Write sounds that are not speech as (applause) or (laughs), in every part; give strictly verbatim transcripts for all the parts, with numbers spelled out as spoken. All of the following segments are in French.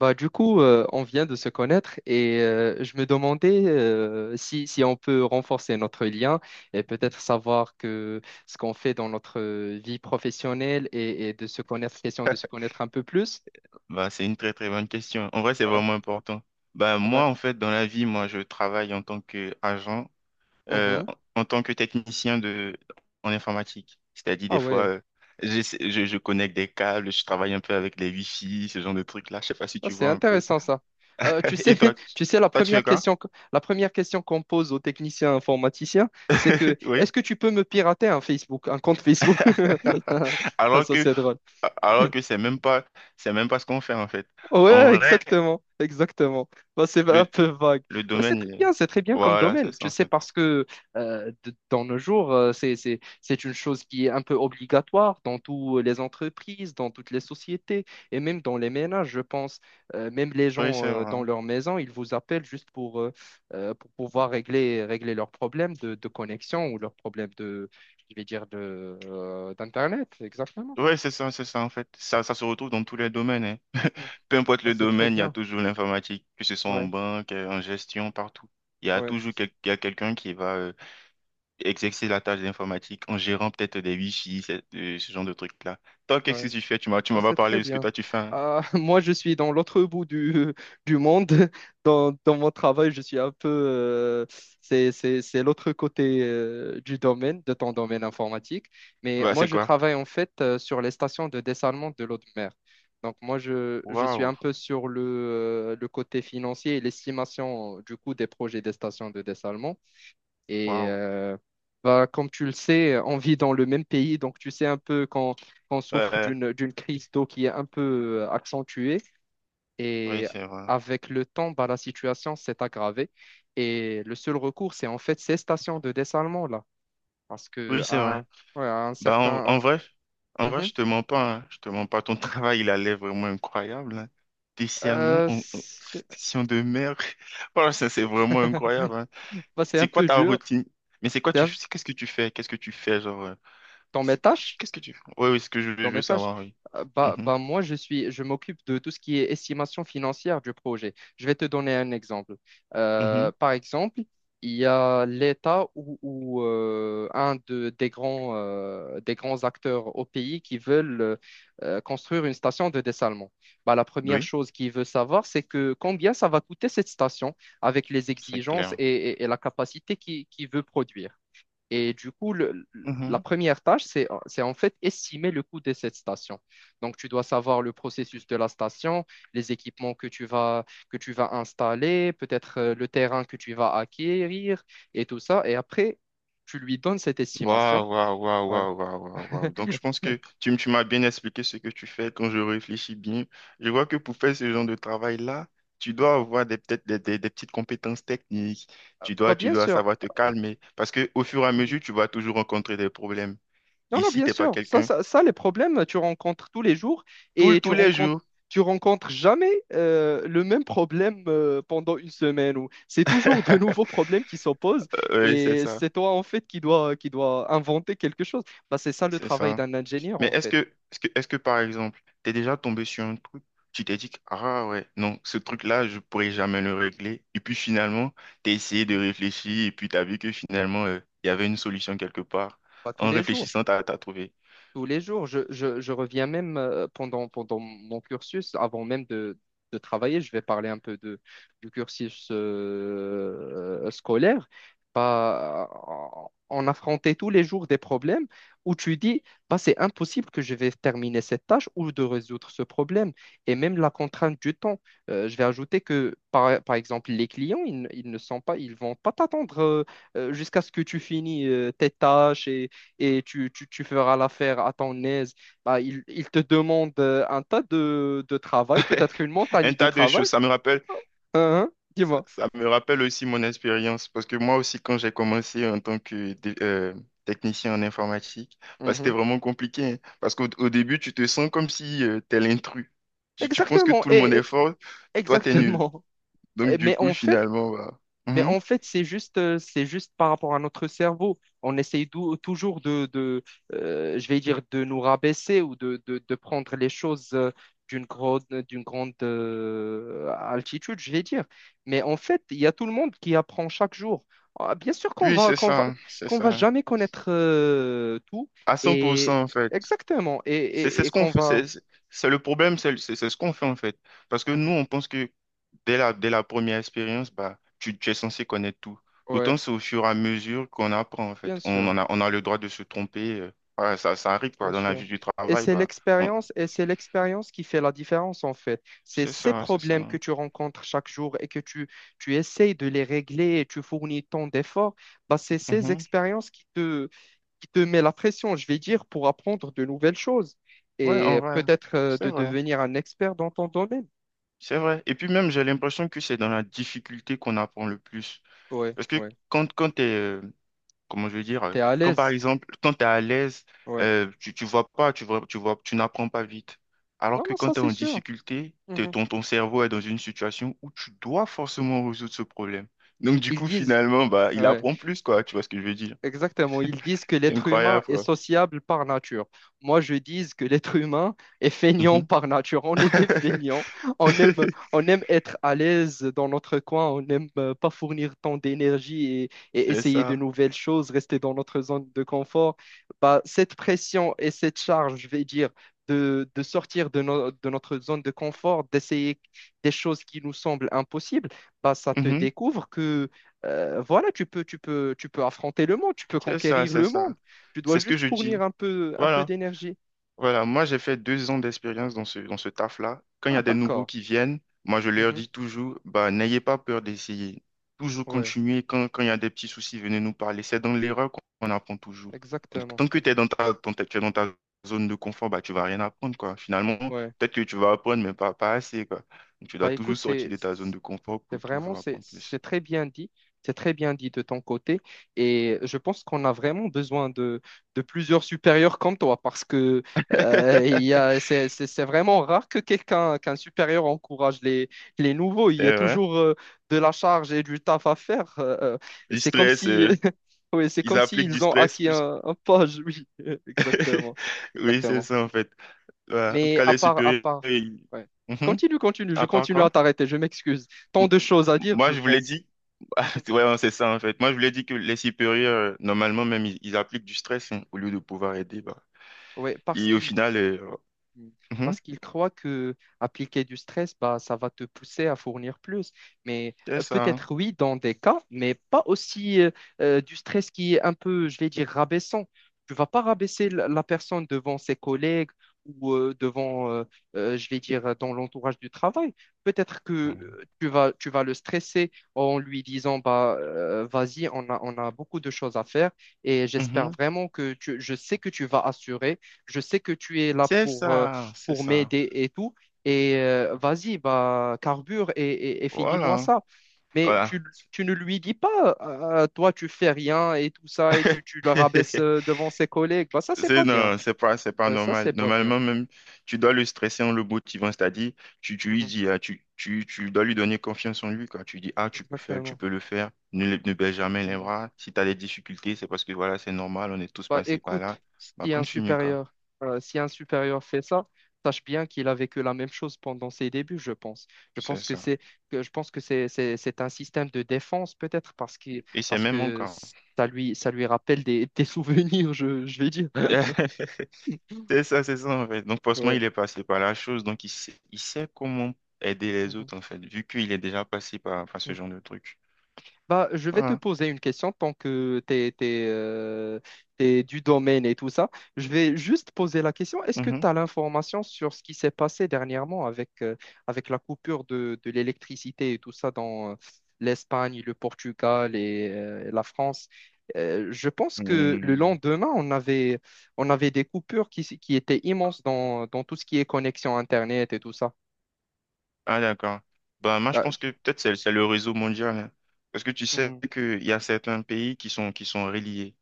Bah, du coup, euh, on vient de se connaître et euh, je me demandais euh, si, si on peut renforcer notre lien et peut-être savoir que ce qu'on fait dans notre vie professionnelle et, et de se connaître, question de se connaître un peu plus. Bah, c'est une très très bonne question. En vrai, c'est Ouais, vraiment important. Bah, moi, ouais. en fait, dans la vie, moi, je travaille en tant qu'agent, euh, Mhm. en en tant que technicien de, en informatique. C'est-à-dire, des Ah fois, ouais. euh, j'essa- je, je connecte des câbles, je travaille un peu avec les Wi-Fi, ce genre de trucs-là. Je sais pas si Ah, tu c'est vois un peu. intéressant ça. Euh, tu (laughs) sais, Et (laughs) toi, tu- tu sais, la toi, tu fais première quoi? question, que- la première question qu'on pose aux techniciens informaticiens, c'est que (laughs) Oui. est-ce que tu peux me pirater un Facebook, un compte Facebook? (laughs) (laughs) Ah, Alors ça, que, c'est drôle. alors que c'est même pas, c'est même pas ce qu'on fait, en fait. En Ouais, vrai, exactement, exactement. Bah, c'est un le, peu vague. le Bah, c'est domaine, très il est- bien, c'est très bien comme voilà, c'est domaine. Je ça, en sais fait. parce que euh, de- dans nos jours, euh, c'est, c'est, c'est une chose qui est un peu obligatoire dans toutes les entreprises, dans toutes les sociétés et même dans les ménages, je pense. Euh, même les Oui, gens c'est euh, dans vrai. leur maison, ils vous appellent juste pour, euh, euh, pour pouvoir régler, régler leurs problèmes de, de connexion ou leurs problèmes de, je vais dire, de, euh, d'Internet. Exactement. Ouais, c'est ça, c'est ça en fait. Ça, ça se retrouve dans tous les domaines, hein. Mm. Peu importe Bah, le c'est très domaine, il y a bien. toujours l'informatique, que ce soit en Ouais, banque, euh, en gestion, partout. Il y a ouais, toujours quel- il y a quelqu'un qui va euh, exercer la tâche d'informatique en gérant peut-être des wifi, ce, euh, ce genre de trucs-là. Toi, ouais. qu'est-ce que tu fais? Tu m'as, tu Ah, m'as pas c'est parlé très de ce que bien. toi tu fais, hein. Ah, (laughs) moi, je suis dans l'autre bout du, (laughs) du monde. Dans, dans mon travail, je suis un peu... euh, c'est, c'est, c'est l'autre côté euh, du domaine, de ton domaine informatique. Mais Bah, moi, c'est je quoi? travaille en fait euh, sur les stations de dessalement de l'eau de mer. Donc, moi, je, je suis Waouh, un peu sur le, euh, le côté financier et l'estimation euh, du coût des projets des stations de dessalement. Et waouh. euh, bah, comme tu le sais, on vit dans le même pays, donc tu sais un peu quand on Ouais, souffre ouais, d'une d'une crise d'eau qui est un peu euh, accentuée. oui, Et c'est vrai. avec le temps, bah, la situation s'est aggravée. Et le seul recours, c'est en fait ces stations de dessalement là, parce que Oui, c'est à, vrai. un- ouais, à un Bah, en, en certain. vrai, en vrai, Mhm. je te mens pas, hein. Je te mens pas. Ton (laughs) travail, il allait vraiment incroyable, hein. Discernement, Euh, on- on- c'est station de mer. (laughs) Voilà, ça, c'est vraiment incroyable, hein. (laughs) bah, c'est un C'est quoi peu ta dur. routine? Mais c'est quoi C'est tu, un- c'est- qu'est-ce que tu fais? Qu'est-ce que tu fais, genre, euh, dans mes c'est quoi tu, tâches. qu'est-ce que tu fais? Oui, oui, ce que je veux, Dans je veux mes tâches, savoir, oui. euh, bah, Mhm, bah, moi, je suis, je m'occupe de tout ce qui est estimation financière du projet. Je vais te donner un exemple. mhm. Euh, par exemple, il y a l'État ou, ou, euh, un de, des grands, euh, des grands acteurs au pays qui veulent euh, euh, construire une station de dessalement. Bah, la première Oui, chose qu'ils veulent savoir, c'est que combien ça va coûter cette station avec les c'est exigences clair. et, et- et la capacité qu'il qu'il veut produire. Et du coup, le- la première tâche, c'est, c'est en fait estimer le coût de cette station. Donc, tu dois savoir le processus de la station, les équipements que tu vas, que tu vas installer, peut-être euh, le terrain que tu vas acquérir et tout ça. Et après, tu lui donnes cette estimation. Waouh, waouh, waouh, Ouais. waouh, waouh, waouh, waouh. Donc, je pense (laughs) que tu, m- tu m'as bien expliqué ce que tu fais quand je réfléchis bien. Je vois que pour faire ce genre de travail-là, tu dois avoir des, peut-être des, des- des petites compétences techniques. Tu Bah, dois, tu bien dois sûr. savoir te calmer parce que au fur et à mesure, tu vas toujours rencontrer des problèmes. Non, non, Ici, bien t'es pas sûr. Ça, quelqu'un. Ça, ça, les problèmes, tu rencontres tous les jours Tout, le- et tu tous les rencontres, jours. tu rencontres jamais euh, le même problème euh, pendant une semaine. ou- C'est toujours de nouveaux (laughs) problèmes qui s'opposent Oui, c'est et ça. c'est toi, en fait, qui dois qui doit inventer quelque chose. Bah, c'est ça le C'est travail ça. d'un ingénieur, Mais en est-ce fait. que, est-ce que, est-ce que par exemple, t'es déjà tombé sur un truc, tu t'es dit, que, ah ouais, non, ce truc-là, je pourrais jamais le régler. Et puis finalement, t'as essayé de réfléchir et puis t'as vu que finalement, euh, il y avait une solution quelque part. Pas tous En les jours. réfléchissant, t'as, t'as trouvé. Tous les jours. Je, je- je reviens même euh, pendant, pendant mon cursus, avant même de, de travailler, je vais parler un peu de, du cursus euh, scolaire. Bah, on affrontait tous les jours des problèmes où tu dis, bah, c'est impossible que je vais terminer cette tâche ou de résoudre ce problème. Et même la contrainte du temps. Euh, je vais ajouter que, par, par exemple, les clients, ils, ne ils ne sont pas, ils vont pas t'attendre euh, euh, jusqu'à ce que tu finis euh, tes tâches et et tu, tu, tu feras l'affaire à ton aise. Bah, il, il te demande euh, un tas de, de travail, peut-être une Un montagne de tas de travail. choses. Ça me rappelle, Hein, hein, ça, dis-moi. ça me rappelle aussi mon expérience. Parce que moi aussi, quand j'ai commencé en tant que dé- euh, technicien en informatique, bah, c'était Mhm. vraiment compliqué, hein. Parce qu'au au début, tu te sens comme si euh, t'es l'intrus. Tu, tu penses que Exactement, tout le monde et, est et- fort. Toi, t'es nul. exactement. Donc, (laughs) du Mais coup, en fait, finalement, bah, Mais mhm. en fait, c'est juste, euh, c'est juste par rapport à notre cerveau. On essaye dou- toujours de, de euh, je vais dire, de nous rabaisser ou de, de, de prendre les choses euh, d'une grande, d'une grande euh, altitude, je vais dire. Mais en fait, il y a tout le monde qui apprend chaque jour. Ah, bien sûr qu'on Oui, va, c'est qu'on va, ça, c'est qu'on va ça. jamais connaître euh, tout À et cent pour cent, en fait. exactement et, C'est c'est et, et ce qu'on qu'on fait, va. c'est c'est- c'est le problème, c'est c'est- c'est ce qu'on fait, en fait. Parce que nous, Mhm. on pense que dès la, dès la première expérience, bah, tu, tu es censé connaître tout. Ouais, Pourtant, c'est au fur et à mesure qu'on apprend, en bien fait. On, sûr. en a, on a le droit de se tromper. Euh. Voilà, ça, ça arrive, quoi. Bien Dans la sûr. vie du Et travail, c'est bah, on- l'expérience, et c'est l'expérience qui fait la différence en fait. C'est c'est ces ça, c'est ça. problèmes que tu rencontres chaque jour et que tu, tu essayes de les régler et tu fournis tant d'efforts, bah c'est ces Mhm. expériences qui te, qui te met la pression, je vais dire, pour apprendre de nouvelles choses Ouais, en et vrai, peut-être euh, c'est de vrai. devenir un expert dans ton domaine. C'est vrai. Et puis même, j'ai l'impression que c'est dans la difficulté qu'on apprend le plus. Ouais, Parce que ouais. quand, quand t'es, euh, comment je veux dire, euh, T'es à quand par l'aise. exemple, quand t'es à l'aise, Ouais. euh, tu, tu vois pas, tu vois, tu vois, tu n'apprends pas vite. Alors Non, que non, quand ça t'es c'est en sûr. difficulté, t'es- Mhm. ton, ton cerveau est dans une situation où tu dois forcément résoudre ce problème. Donc du Ils coup, disent. finalement, bah, il Ouais, apprend plus, quoi. Tu vois ce que je veux dire? exactement, ils disent que C'est l'être humain incroyable, est quoi. sociable par nature. Moi, je dis que l'être humain est feignant Mhm. par nature. On est des feignants. On aime, (laughs) on aime être à l'aise dans notre coin. On n'aime euh, pas fournir tant d'énergie et, et C'est essayer de ça. nouvelles choses, rester dans notre zone de confort. Bah, cette pression et cette charge, je vais dire, de, de sortir de, no- de notre zone de confort, d'essayer des choses qui nous semblent impossibles, bah, ça te Mhm. découvre euh, voilà, tu peux, tu peux, tu peux affronter le monde, tu peux C'est ça, conquérir c'est le ça. monde. Tu dois C'est ce que juste je fournir dis. un peu, un peu Voilà. d'énergie. Voilà, moi j'ai fait deux ans d'expérience dans ce, dans ce taf-là. Quand il y Ah, a des nouveaux d'accord. qui viennent, moi je leur Mhm. dis toujours, bah, n'ayez pas peur d'essayer. Toujours Ouais, continuer. Quand, quand il y a des petits soucis, venez nous parler. C'est dans l'erreur qu'on qu'on apprend toujours. Donc exactement. tant que tu Ex- es dans ta, dans ta- tu es dans ta zone de confort, bah, tu vas rien apprendre, quoi. Finalement, Ouais. peut-être que tu vas apprendre, mais pas, pas assez, quoi. Donc, tu dois Bah toujours écoute, sortir c'est, de ta zone de confort C'est pour vraiment, toujours c'est apprendre plus. c'est très bien dit, c'est très bien dit de ton côté. Et je pense qu'on a vraiment besoin de, de plusieurs supérieurs comme toi parce que euh, il y (laughs) a, c'est c'est- c'est vraiment rare que quelqu'un, qu'un supérieur encourage les, les nouveaux. Il y a C'est vrai. toujours euh, de la charge et du taf à faire. Euh, euh, Du C'est comme stress, si, euh, (laughs) oui, c'est ils comme appliquent du s'ils ont stress acquis plus. un, un poste. Oui, (laughs) (laughs) exactement. Oui, c'est Exactement. ça en fait. Ouais, en tout Mais cas, à les part, à supérieurs, part, ils- ouais. Mhm. Continue, continue, je À part continue à quoi? t'arrêter, je m'excuse. M- Tant de choses à dire, je Moi, je vous l'ai pense. dit. (laughs) Ah, (laughs) ouais, c'est ça, en fait. Moi, je vous l'ai dit que les supérieurs, euh, normalement, même, ils, ils appliquent du stress, hein, au lieu de pouvoir aider, bah. Ouais, parce Et au qu'il final, euh, Mm. mhm, Parce qu'ils croient que appliquer du stress, bah, ça va te pousser à fournir plus. Mais c'est euh, ça. peut-être oui, dans des cas, mais pas aussi euh, euh, du stress qui est un peu, je vais dire, rabaissant. Tu vas pas rabaisser la, la personne devant ses collègues ou euh, devant, euh, euh, je vais dire, dans l'entourage du travail. Peut-être que Mhm. euh, tu vas, tu vas le stresser en lui disant, bah, euh, vas-y, on a, on a beaucoup de choses à faire et j'espère Mhm. vraiment que tu, je sais que tu vas assurer. Je sais que tu es là C'est pour, euh, ça, c'est pour ça. m'aider et tout. Et euh, vas-y, bah, carbure et, et- et finis-moi Voilà. ça. Mais Voilà. tu, tu ne lui dis pas, ah, toi, tu fais rien et tout ça, et tu, tu le rabaisses (laughs) euh, devant ses collègues. Bah, ça, c'est C'est pas bien. non, c'est pas, c'est pas Ouais, ça, normal. c'est pas bien. Normalement, même, tu dois le stresser en le motivant, c'est-à-dire, tu, tu lui Mhm. dis, ah, tu, tu, tu dois lui donner confiance en lui, quoi. Tu dis, ah, tu peux faire, tu Exactement. peux le faire, ne, lè- ne baisse jamais les bras. Si tu as des difficultés, c'est parce que, voilà, c'est normal, on est tous Bah, passés par là. écoute, Bah, si un continue, quoi. supérieur, euh, si un supérieur fait ça, sache bien qu'il a vécu la même chose pendant ses débuts, je pense. Je C'est pense que ça. c'est que Je pense que c'est c'est- c'est un système de défense peut-être parce que Et c'est parce même que encore. ça lui ça lui rappelle des, (laughs) des souvenirs, je, je vais dire. (laughs) C'est ça, c'est ça, en fait. Donc, forcément, Ouais. il est passé par la chose, donc il sait, il sait comment aider les Mhm. autres, en fait, vu qu'il est déjà passé par, par ce genre de truc. Bah, je vais te Voilà. poser une question tant que t'es, t'es, euh, t'es du domaine et tout ça. Je vais juste poser la question. Est-ce que tu as l'information sur ce qui s'est passé dernièrement avec, euh, avec la coupure de, de l'électricité et tout ça dans euh, l'Espagne, le Portugal et euh, la France? Euh, je pense que le Mhm. lendemain, on avait, on avait des coupures qui, s- qui étaient immenses dans, dans tout ce qui est connexion Internet et tout ça. Ah d'accord. Bah moi je Ah, pense que peut-être c'est c'est le réseau mondial, hein. Parce que tu sais hmm, qu'il y a certains pays qui sont qui sont reliés.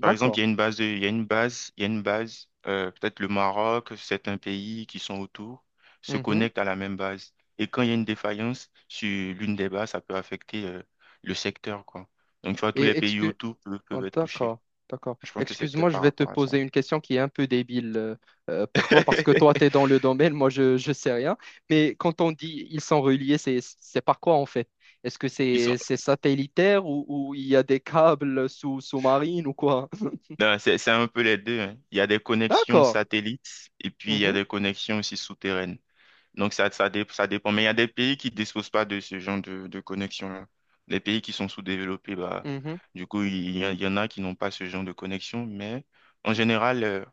Par exemple, d'accord. il y a une base de- il y a une base, il y a une base, euh, peut-être le Maroc, certains pays qui sont autour se Mhm. connectent à la même base. Et quand il y a une défaillance sur l'une des bases, ça peut affecter euh, le secteur, quoi. Donc tu vois, tous les Et pays autour peuvent, Oh, peuvent être touchés. d'accord, d'accord. Je pense que c'est Excuse-moi, peut-être je par vais te rapport à ça. poser une question qui est un peu débile euh, euh, pour toi parce que toi, tu es dans (laughs) le domaine, moi, je ne sais rien. Mais quand on dit ils sont reliés, c'est, c'est par quoi en fait? Est-ce que Ils c'est c'est satellitaire ou, ou il y a des câbles sous, sous-marines ou quoi? Non, c'est c'est un peu les deux, hein. Il y a des connexions D'accord. satellites et puis il y a Mhm, des connexions aussi souterraines. Donc ça, ça, dé- ça dépend. Mais il y a des pays qui ne disposent pas de ce genre de, de connexion-là. Les pays qui sont sous-développés, bah, mhm. du coup, il y, a- il y en a qui n'ont pas ce genre de connexion. Mais en général, euh,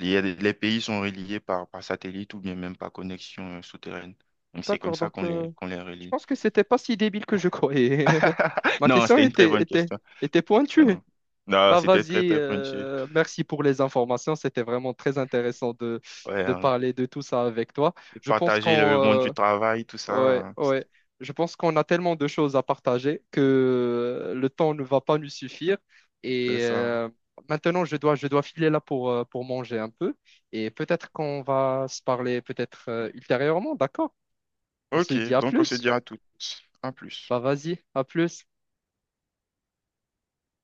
il y a des- les pays sont reliés par, par satellite ou bien même par connexion euh, souterraine. Donc c'est comme D'accord, ça donc qu'on les, euh, qu'on les je relie. pense que c'était pas si débile que je croyais. (laughs) Ma Non, question c'était une très était, bonne était, question. était Non, pointue. non, Bah c'était très, vas-y, très pointu. Euh, merci pour les informations. C'était vraiment très intéressant de, Ouais, de hein. parler de tout ça avec toi. Je pense Partager qu'on le monde du euh, travail, tout Ouais, ça. Euh, ouais. Je pense qu'on a tellement de choses à partager que euh, le temps ne va pas nous suffire. C'est Et ça. euh, maintenant, je dois, je dois filer là pour, euh, pour manger un peu. Et peut-être qu'on va se parler peut-être euh, ultérieurement, d'accord? On se Ok, dit à donc on se plus. dit à toutes. À plus. Bah vas-y, à plus.